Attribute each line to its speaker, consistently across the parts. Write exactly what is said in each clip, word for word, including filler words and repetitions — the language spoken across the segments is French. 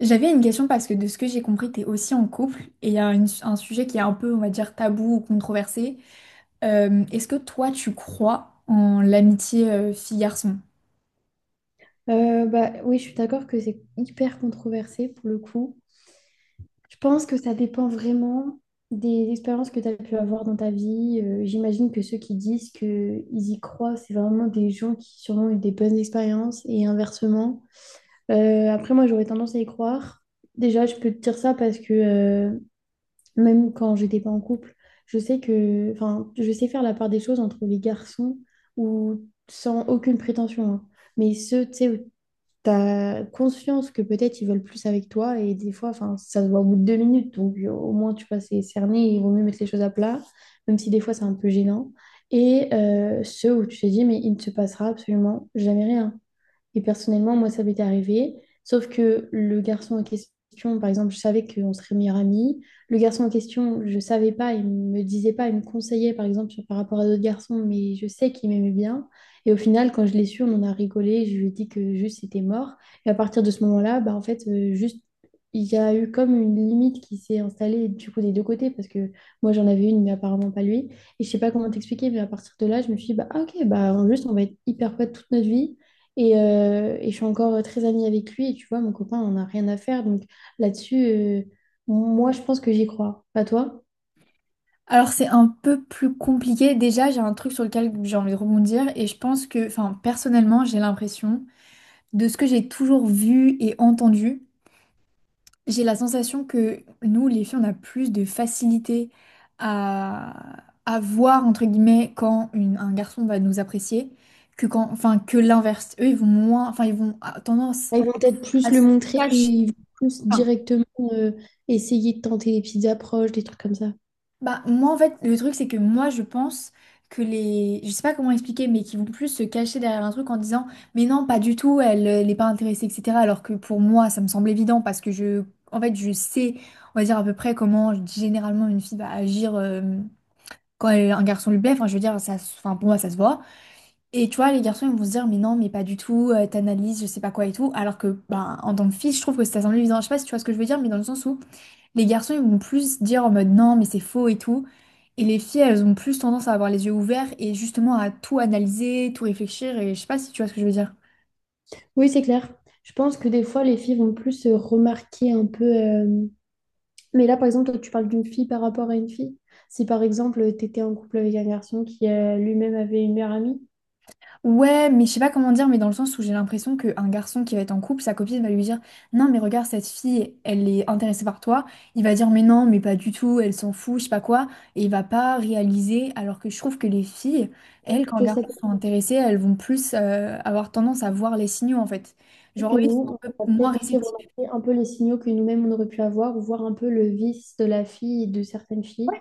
Speaker 1: J'avais une question parce que de ce que j'ai compris, t'es aussi en couple et il y a une- un sujet qui est un peu, on va dire, tabou ou controversé. Euh, est-ce que toi, tu crois en l'amitié euh, fille-garçon?
Speaker 2: Euh, bah, oui, je suis d'accord que c'est hyper controversé pour le coup. Je pense que ça dépend vraiment des expériences que tu as pu avoir dans ta vie. Euh, j'imagine que ceux qui disent qu'ils y croient, c'est vraiment des gens qui sûrement ont eu des bonnes expériences et inversement. Euh, après, moi, j'aurais tendance à y croire. Déjà, je peux te dire ça parce que euh, même quand j'étais pas en couple, je sais que, enfin, je sais faire la part des choses entre les garçons ou sans aucune prétention, hein. Mais ceux, tu sais, t'as conscience que peut-être ils veulent plus avec toi et des fois, enfin, ça se voit au bout de deux minutes, donc euh, au moins tu vois, c'est cerné, et il vaut mieux mettre les choses à plat, même si des fois c'est un peu gênant. Et euh, ceux où tu te dis, mais il ne se passera absolument jamais rien. Et personnellement, moi, ça m'était arrivé. Sauf que le garçon en question, par exemple, je savais qu'on serait meilleurs amis. Le garçon en question, je savais pas, il me disait pas, il me conseillait, par exemple, sur- par rapport à d'autres garçons, mais je sais qu'il m'aimait bien. Et au final, quand je l'ai su, on en a rigolé. Je lui ai dit que juste c'était mort. Et à partir de ce moment-là, bah, en fait, euh, juste, il y a eu comme une limite qui s'est installée du coup des deux côtés, parce que moi, j'en avais une, mais apparemment pas lui. Et je sais pas comment t'expliquer, mais à partir de là, je me suis dit, bah, ah, ok, bah, juste, on va être hyper potes toute notre vie. Et, euh, et je suis encore euh, très amie avec lui. Et tu vois, mon copain, on n'a rien à faire. Donc là-dessus, euh, moi, je pense que j'y crois. Pas toi?
Speaker 1: Alors, c'est un peu plus compliqué. Déjà, j'ai un truc sur lequel j'ai envie de rebondir et je pense que, enfin, personnellement, j'ai l'impression, de ce que j'ai toujours vu et entendu, j'ai la sensation que nous, les filles, on a plus de facilité à, à voir, entre guillemets, quand une- un garçon va nous apprécier, que quand, enfin, que l'inverse. Eux, ils vont moins, enfin, ils vont à- tendance
Speaker 2: Ils vont peut-être plus
Speaker 1: à
Speaker 2: le
Speaker 1: se
Speaker 2: montrer et
Speaker 1: cacher.
Speaker 2: ils vont plus
Speaker 1: Enfin,
Speaker 2: directement euh, essayer de tenter des petites approches, des trucs comme ça.
Speaker 1: bah, moi, en fait, le truc, c'est que moi, je pense que les, je sais pas comment expliquer, mais qui vont plus se cacher derrière un truc en disant, mais non, pas du tout, elle, euh, elle n'est pas intéressée, et cetera. Alors que pour moi, ça me semble évident parce que je, en fait, je sais, on va dire à peu près comment généralement une fille va agir. Euh, quand un garçon lui plaît, enfin, je veux dire, ça, se- enfin, pour moi, ça se voit. Et tu vois, les garçons, ils vont se dire, mais non, mais pas du tout, euh, t'analyses, je sais pas quoi et tout. Alors que, ben, en tant que fille, je trouve que ça semble évident. Je sais pas si tu vois ce que je veux dire, mais dans le sens où les garçons, ils vont plus dire en mode non, mais c'est faux et tout. Et les filles, elles ont plus tendance à avoir les yeux ouverts et justement à tout analyser, tout réfléchir. Et je sais pas si tu vois ce que je veux dire.
Speaker 2: Oui, c'est clair. Je pense que des fois, les filles vont plus euh, remarquer un peu. Euh, Mais là, par exemple, toi, tu parles d'une fille par rapport à une fille. Si par exemple, tu étais en couple avec un garçon qui euh, lui-même avait une meilleure amie,
Speaker 1: Ouais, mais je sais pas comment dire, mais dans le sens où j'ai l'impression qu'un garçon qui va être en couple, sa copine va lui dire, non, mais regarde, cette fille, elle est intéressée par toi. Il va dire, mais non, mais pas du tout, elle s'en fout, je sais pas quoi. Et il va pas réaliser, alors que je trouve que les filles, elles, quand les
Speaker 2: je sais
Speaker 1: garçons
Speaker 2: pas.
Speaker 1: sont intéressés, elles vont plus euh, avoir tendance à voir les signaux, en fait.
Speaker 2: Peut-être
Speaker 1: Genre,
Speaker 2: que
Speaker 1: eux, ils sont
Speaker 2: nous,
Speaker 1: un peu
Speaker 2: on va
Speaker 1: moins
Speaker 2: peut-être aussi
Speaker 1: réceptifs.
Speaker 2: remarquer un peu les signaux que nous-mêmes on aurait pu avoir, ou voir un peu le vice de la fille et de certaines filles.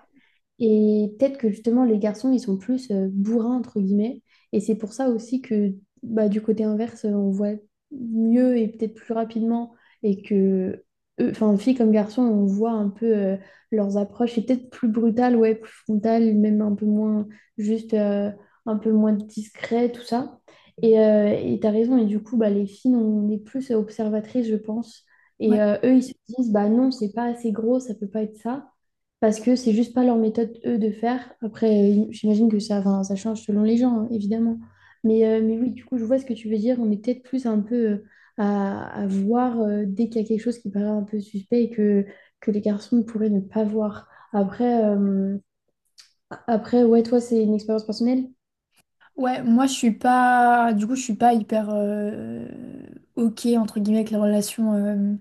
Speaker 2: Et peut-être que justement, les garçons, ils sont plus euh, bourrins, entre guillemets. Et c'est pour ça aussi que bah, du côté inverse, euh, on voit mieux et peut-être plus rapidement. Et que, eux- enfin, filles comme garçons, on voit un peu euh, leurs approches. Et peut-être plus brutales, ouais, plus frontales, même un peu moins, juste euh, un peu moins discret, tout ça. Et euh, et t'as raison. Et du coup, bah, les filles, on est plus observatrices, je pense. Et
Speaker 1: Ouais.
Speaker 2: euh, eux, ils se disent, bah non, c'est pas assez gros, ça peut pas être ça parce que c'est juste pas leur méthode, eux, de faire. Après, euh, j'imagine que ça, enfin, ça change selon les gens, hein, évidemment. Mais, euh, mais oui, du coup, je vois ce que tu veux dire. On est peut-être plus un peu euh, à, à voir euh, dès qu'il y a quelque chose qui paraît un peu suspect et que, que les garçons pourraient ne pas voir. Après, euh, après, ouais, toi, c'est une expérience personnelle?
Speaker 1: Ouais, moi je suis pas, du coup je suis pas hyper euh, ok entre guillemets avec les relations euh,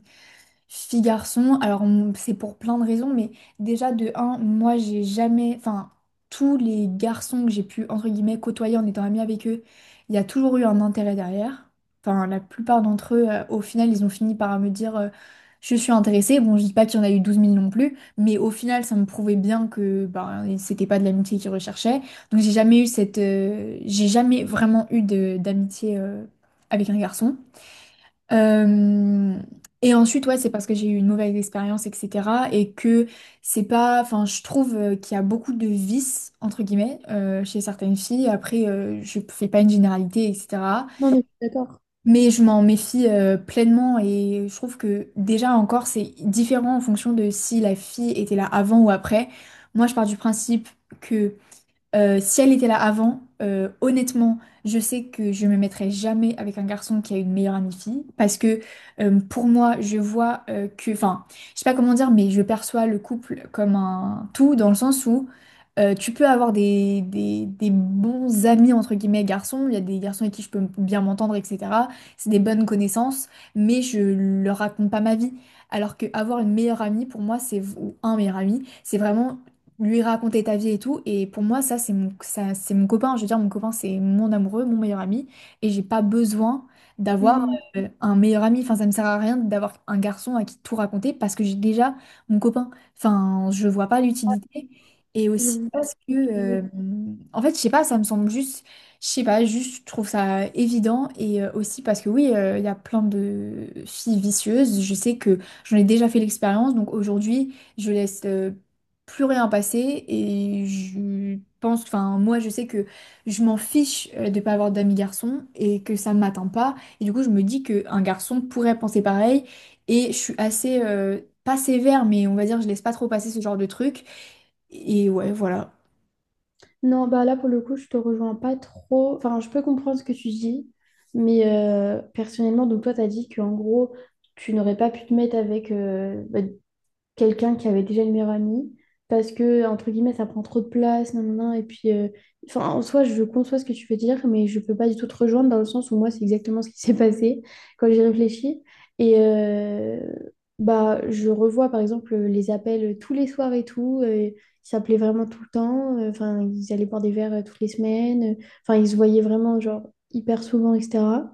Speaker 1: fille garçon, alors m- c'est pour plein de raisons, mais déjà de un, moi j'ai jamais, enfin tous les garçons que j'ai pu entre guillemets côtoyer en étant amie avec eux, il y a toujours eu un intérêt derrière. Enfin la plupart d'entre eux, euh, au final, ils ont fini par me dire euh, je suis intéressée. Bon, je dis pas qu'il y en a eu douze mille non plus, mais au final ça me prouvait bien que ben, c'était pas de l'amitié qu'ils recherchaient. Donc j'ai jamais eu cette, euh, j'ai jamais vraiment eu de d'amitié euh, avec un garçon. Euh, et ensuite, ouais, c'est parce que j'ai eu une mauvaise expérience, et cetera. Et que c'est pas. Enfin, je trouve euh, qu'il y a beaucoup de vices, entre guillemets, euh, chez certaines filles. Après, euh, je fais pas une généralité, et cetera.
Speaker 2: Non, mais je suis d'accord.
Speaker 1: Mais je m'en méfie euh, pleinement. Et je trouve que déjà encore, c'est différent en fonction de si la fille était là avant ou après. Moi, je pars du principe. Que euh, si elle était là avant, euh, honnêtement, je sais que je me mettrai jamais avec un garçon qui a une meilleure amie fille parce que euh, pour moi, je vois euh, que, enfin, je sais pas comment dire, mais je perçois le couple comme un tout dans le sens où euh, tu peux avoir des, des, des bons amis entre guillemets garçons, il y a des garçons avec qui je peux bien m'entendre, et cetera. C'est des bonnes connaissances, mais je leur raconte pas ma vie. Alors qu'avoir une meilleure amie, pour moi, c'est ou un meilleur ami, c'est vraiment lui raconter ta vie et tout. Et pour moi, ça, c'est mon, ça, c'est mon copain. Je veux dire, mon copain, c'est mon amoureux, mon meilleur ami. Et j'ai pas besoin d'avoir
Speaker 2: Hmm,
Speaker 1: euh, un meilleur ami. Enfin, ça me sert à rien d'avoir un garçon à qui tout raconter parce que j'ai déjà mon copain. Enfin, je vois pas l'utilité. Et
Speaker 2: je
Speaker 1: aussi
Speaker 2: vois
Speaker 1: parce
Speaker 2: ce
Speaker 1: que,
Speaker 2: que tu veux
Speaker 1: euh,
Speaker 2: dire.
Speaker 1: en fait, je sais pas, ça me semble juste, je sais pas, juste, je trouve ça évident. Et euh, aussi parce que, oui, euh, il y a plein de filles vicieuses. Je sais que j'en ai déjà fait l'expérience. Donc aujourd'hui, je laisse. Euh, plus rien passé et je pense, enfin moi je sais que je m'en fiche euh, de pas avoir d'amis garçons et que ça ne m'atteint pas et du coup je me dis qu'un garçon pourrait penser pareil et je suis assez, euh, pas sévère mais on va dire je laisse pas trop passer ce genre de truc et ouais voilà.
Speaker 2: Non, bah là, pour le coup, je te rejoins pas trop. Enfin, je peux comprendre ce que tu dis, mais euh, personnellement, donc toi, tu as dit qu'en gros, tu n'aurais pas pu te mettre avec, euh, bah, quelqu'un qui avait déjà une meilleure amie parce que, entre guillemets, ça prend trop de place, nan, nan, nan, et puis, euh, enfin, en soi, je conçois ce que tu veux dire, mais je peux pas du tout te rejoindre dans le sens où moi, c'est exactement ce qui s'est passé quand j'ai réfléchi. Et euh, bah, je revois, par exemple, les appels tous les soirs et tout. Euh, ils s'appelaient vraiment tout le temps. Euh, Enfin, ils allaient boire des verres euh, toutes les semaines. Enfin, ils se voyaient vraiment, genre, hyper souvent, et cetera.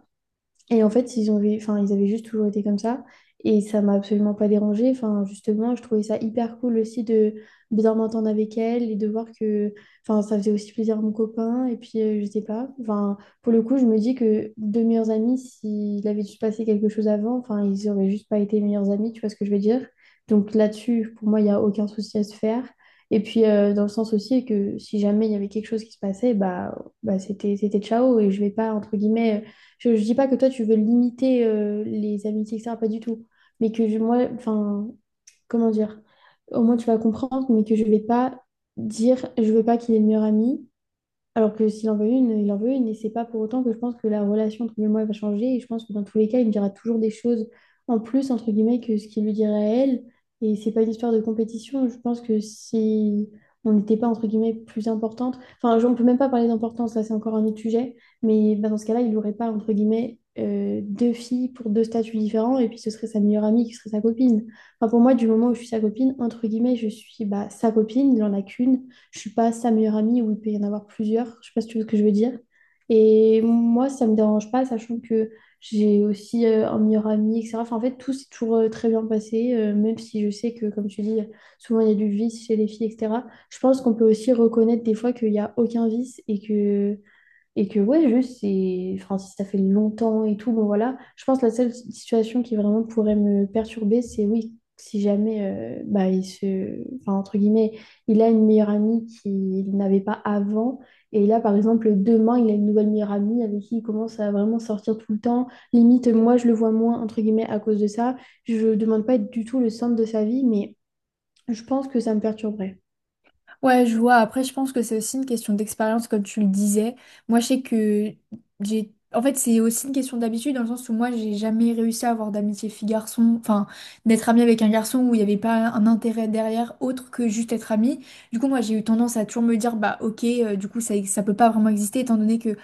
Speaker 2: Et en fait, ils ont vu, enfin, ils avaient juste toujours été comme ça. Et ça m'a absolument pas dérangée. Enfin, justement, je trouvais ça hyper cool aussi de bien m'entendre avec elle et de voir que, enfin, ça faisait aussi plaisir à mon copain. Et puis, euh, je sais pas. Enfin, pour le coup, je me dis que deux meilleurs amis, s'il avait juste passé quelque chose avant, enfin, ils auraient juste pas été meilleurs amis. Tu vois ce que je veux dire? Donc là-dessus, pour moi, il y a aucun souci à se faire. Et puis, euh, dans le sens aussi que si jamais il y avait quelque chose qui se passait, bah, bah c'était, c'était ciao. Et je vais pas, entre guillemets, je ne dis pas que toi, tu veux limiter euh, les amitiés, et cetera. Pas du tout. Mais que je- moi, enfin, comment dire? Au moins, tu vas comprendre, mais que je vais pas dire, je veux pas qu'il ait le meilleur ami. Alors que s'il en veut une, il en veut une. Et c'est pas pour autant que je pense que la relation entre lui et moi va changer. Et je pense que dans tous les cas, il me dira toujours des choses en plus, entre guillemets, que ce qu'il lui dirait à elle. Et c'est pas une histoire de compétition. Je pense que si on n'était pas, entre guillemets, plus importante, enfin, je- on peut même pas parler d'importance, là, c'est encore un autre sujet. Mais bah, dans ce cas-là, il n'aurait pas, entre guillemets, euh, deux filles pour deux statuts différents. Et puis ce serait sa meilleure amie qui serait sa copine. Enfin, pour moi, du moment où je suis sa copine, entre guillemets, je suis bah, sa copine, il en a qu'une. Je suis pas sa meilleure amie où il peut y en avoir plusieurs. Je sais pas si tu vois ce que je veux dire. Et moi, ça me dérange pas, sachant que j'ai aussi euh, un meilleur ami, et cetera. Enfin, en fait, tout s'est toujours euh, très bien passé, euh, même si je sais que, comme tu dis, souvent il y a du vice chez les filles, et cetera. Je pense qu'on peut aussi reconnaître des fois qu'il n'y a aucun vice et que et que ouais, juste, c'est... Enfin, si ça fait longtemps et tout, bon voilà. Je pense que la seule situation qui vraiment pourrait me perturber, c'est oui, si jamais, euh, bah, il se... Enfin, entre guillemets, il a une meilleure amie qu'il n'avait pas avant. Et là, par exemple, demain, il a une nouvelle meilleure amie avec qui il commence à vraiment sortir tout le temps. Limite, moi, je le vois moins, entre guillemets, à cause de ça. Je demande pas être du tout le centre de sa vie, mais je pense que ça me perturberait.
Speaker 1: Ouais, je vois. Après, je pense que c'est aussi une question d'expérience, comme tu le disais. Moi, je sais que j'ai. En fait, c'est aussi une question d'habitude, dans le sens où moi, j'ai jamais réussi à avoir d'amitié fille-garçon, enfin, d'être amie avec un garçon où il n'y avait pas un intérêt derrière autre que juste être amie. Du coup, moi, j'ai eu tendance à toujours me dire, bah, ok, euh, du coup, ça, ça peut pas vraiment exister, étant donné que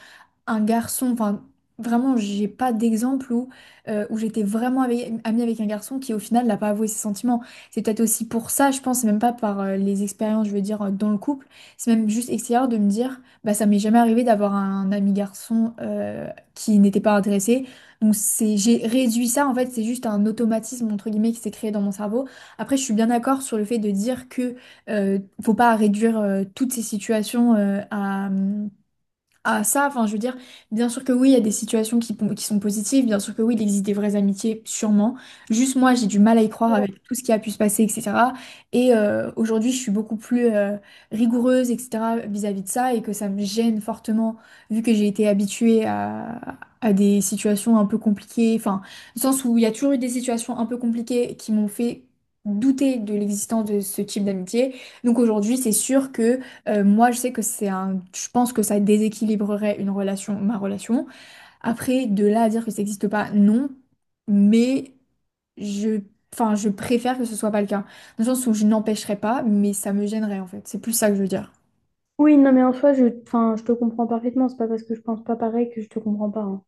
Speaker 1: un garçon, enfin vraiment j'ai pas d'exemple où, euh, où j'étais vraiment avec- amie avec un garçon qui au final n'a pas avoué ses sentiments. C'est peut-être aussi pour ça, je pense, c'est même pas par euh, les expériences, je veux dire, euh, dans le couple, c'est même juste extérieur de me dire, bah ça m'est jamais arrivé d'avoir un ami garçon euh, qui n'était pas intéressé. Donc c'est, j'ai réduit ça, en fait c'est juste un automatisme entre guillemets qui s'est créé dans mon cerveau. Après je suis bien d'accord sur le fait de dire que euh, faut pas réduire euh, toutes ces situations euh, à... hum, à ça, enfin je veux dire, bien sûr que oui, il y a des situations qui, pon- qui sont positives, bien sûr que oui, il existe des vraies amitiés, sûrement. Juste moi, j'ai du mal à y croire avec tout ce qui a pu se passer, et cetera. Et euh, aujourd'hui, je suis beaucoup plus euh, rigoureuse, et cetera vis-à-vis de ça, et que ça me gêne fortement, vu que j'ai été habituée à, à des situations un peu compliquées, enfin, dans le sens où il y a toujours eu des situations un peu compliquées qui m'ont fait douter de l'existence de ce type d'amitié. Donc aujourd'hui, c'est sûr que... Euh, moi, je sais que c'est un... Je pense que ça déséquilibrerait une relation, ma relation. Après, de là à dire que ça n'existe pas, non. Mais je... Enfin, je préfère que ce soit pas le cas. Dans le sens où je n'empêcherai pas, mais ça me gênerait, en fait. C'est plus ça que je veux dire.
Speaker 2: Oui, non, mais en soi, je, enfin, je te comprends parfaitement. C'est pas parce que je pense pas pareil que je te comprends pas, hein.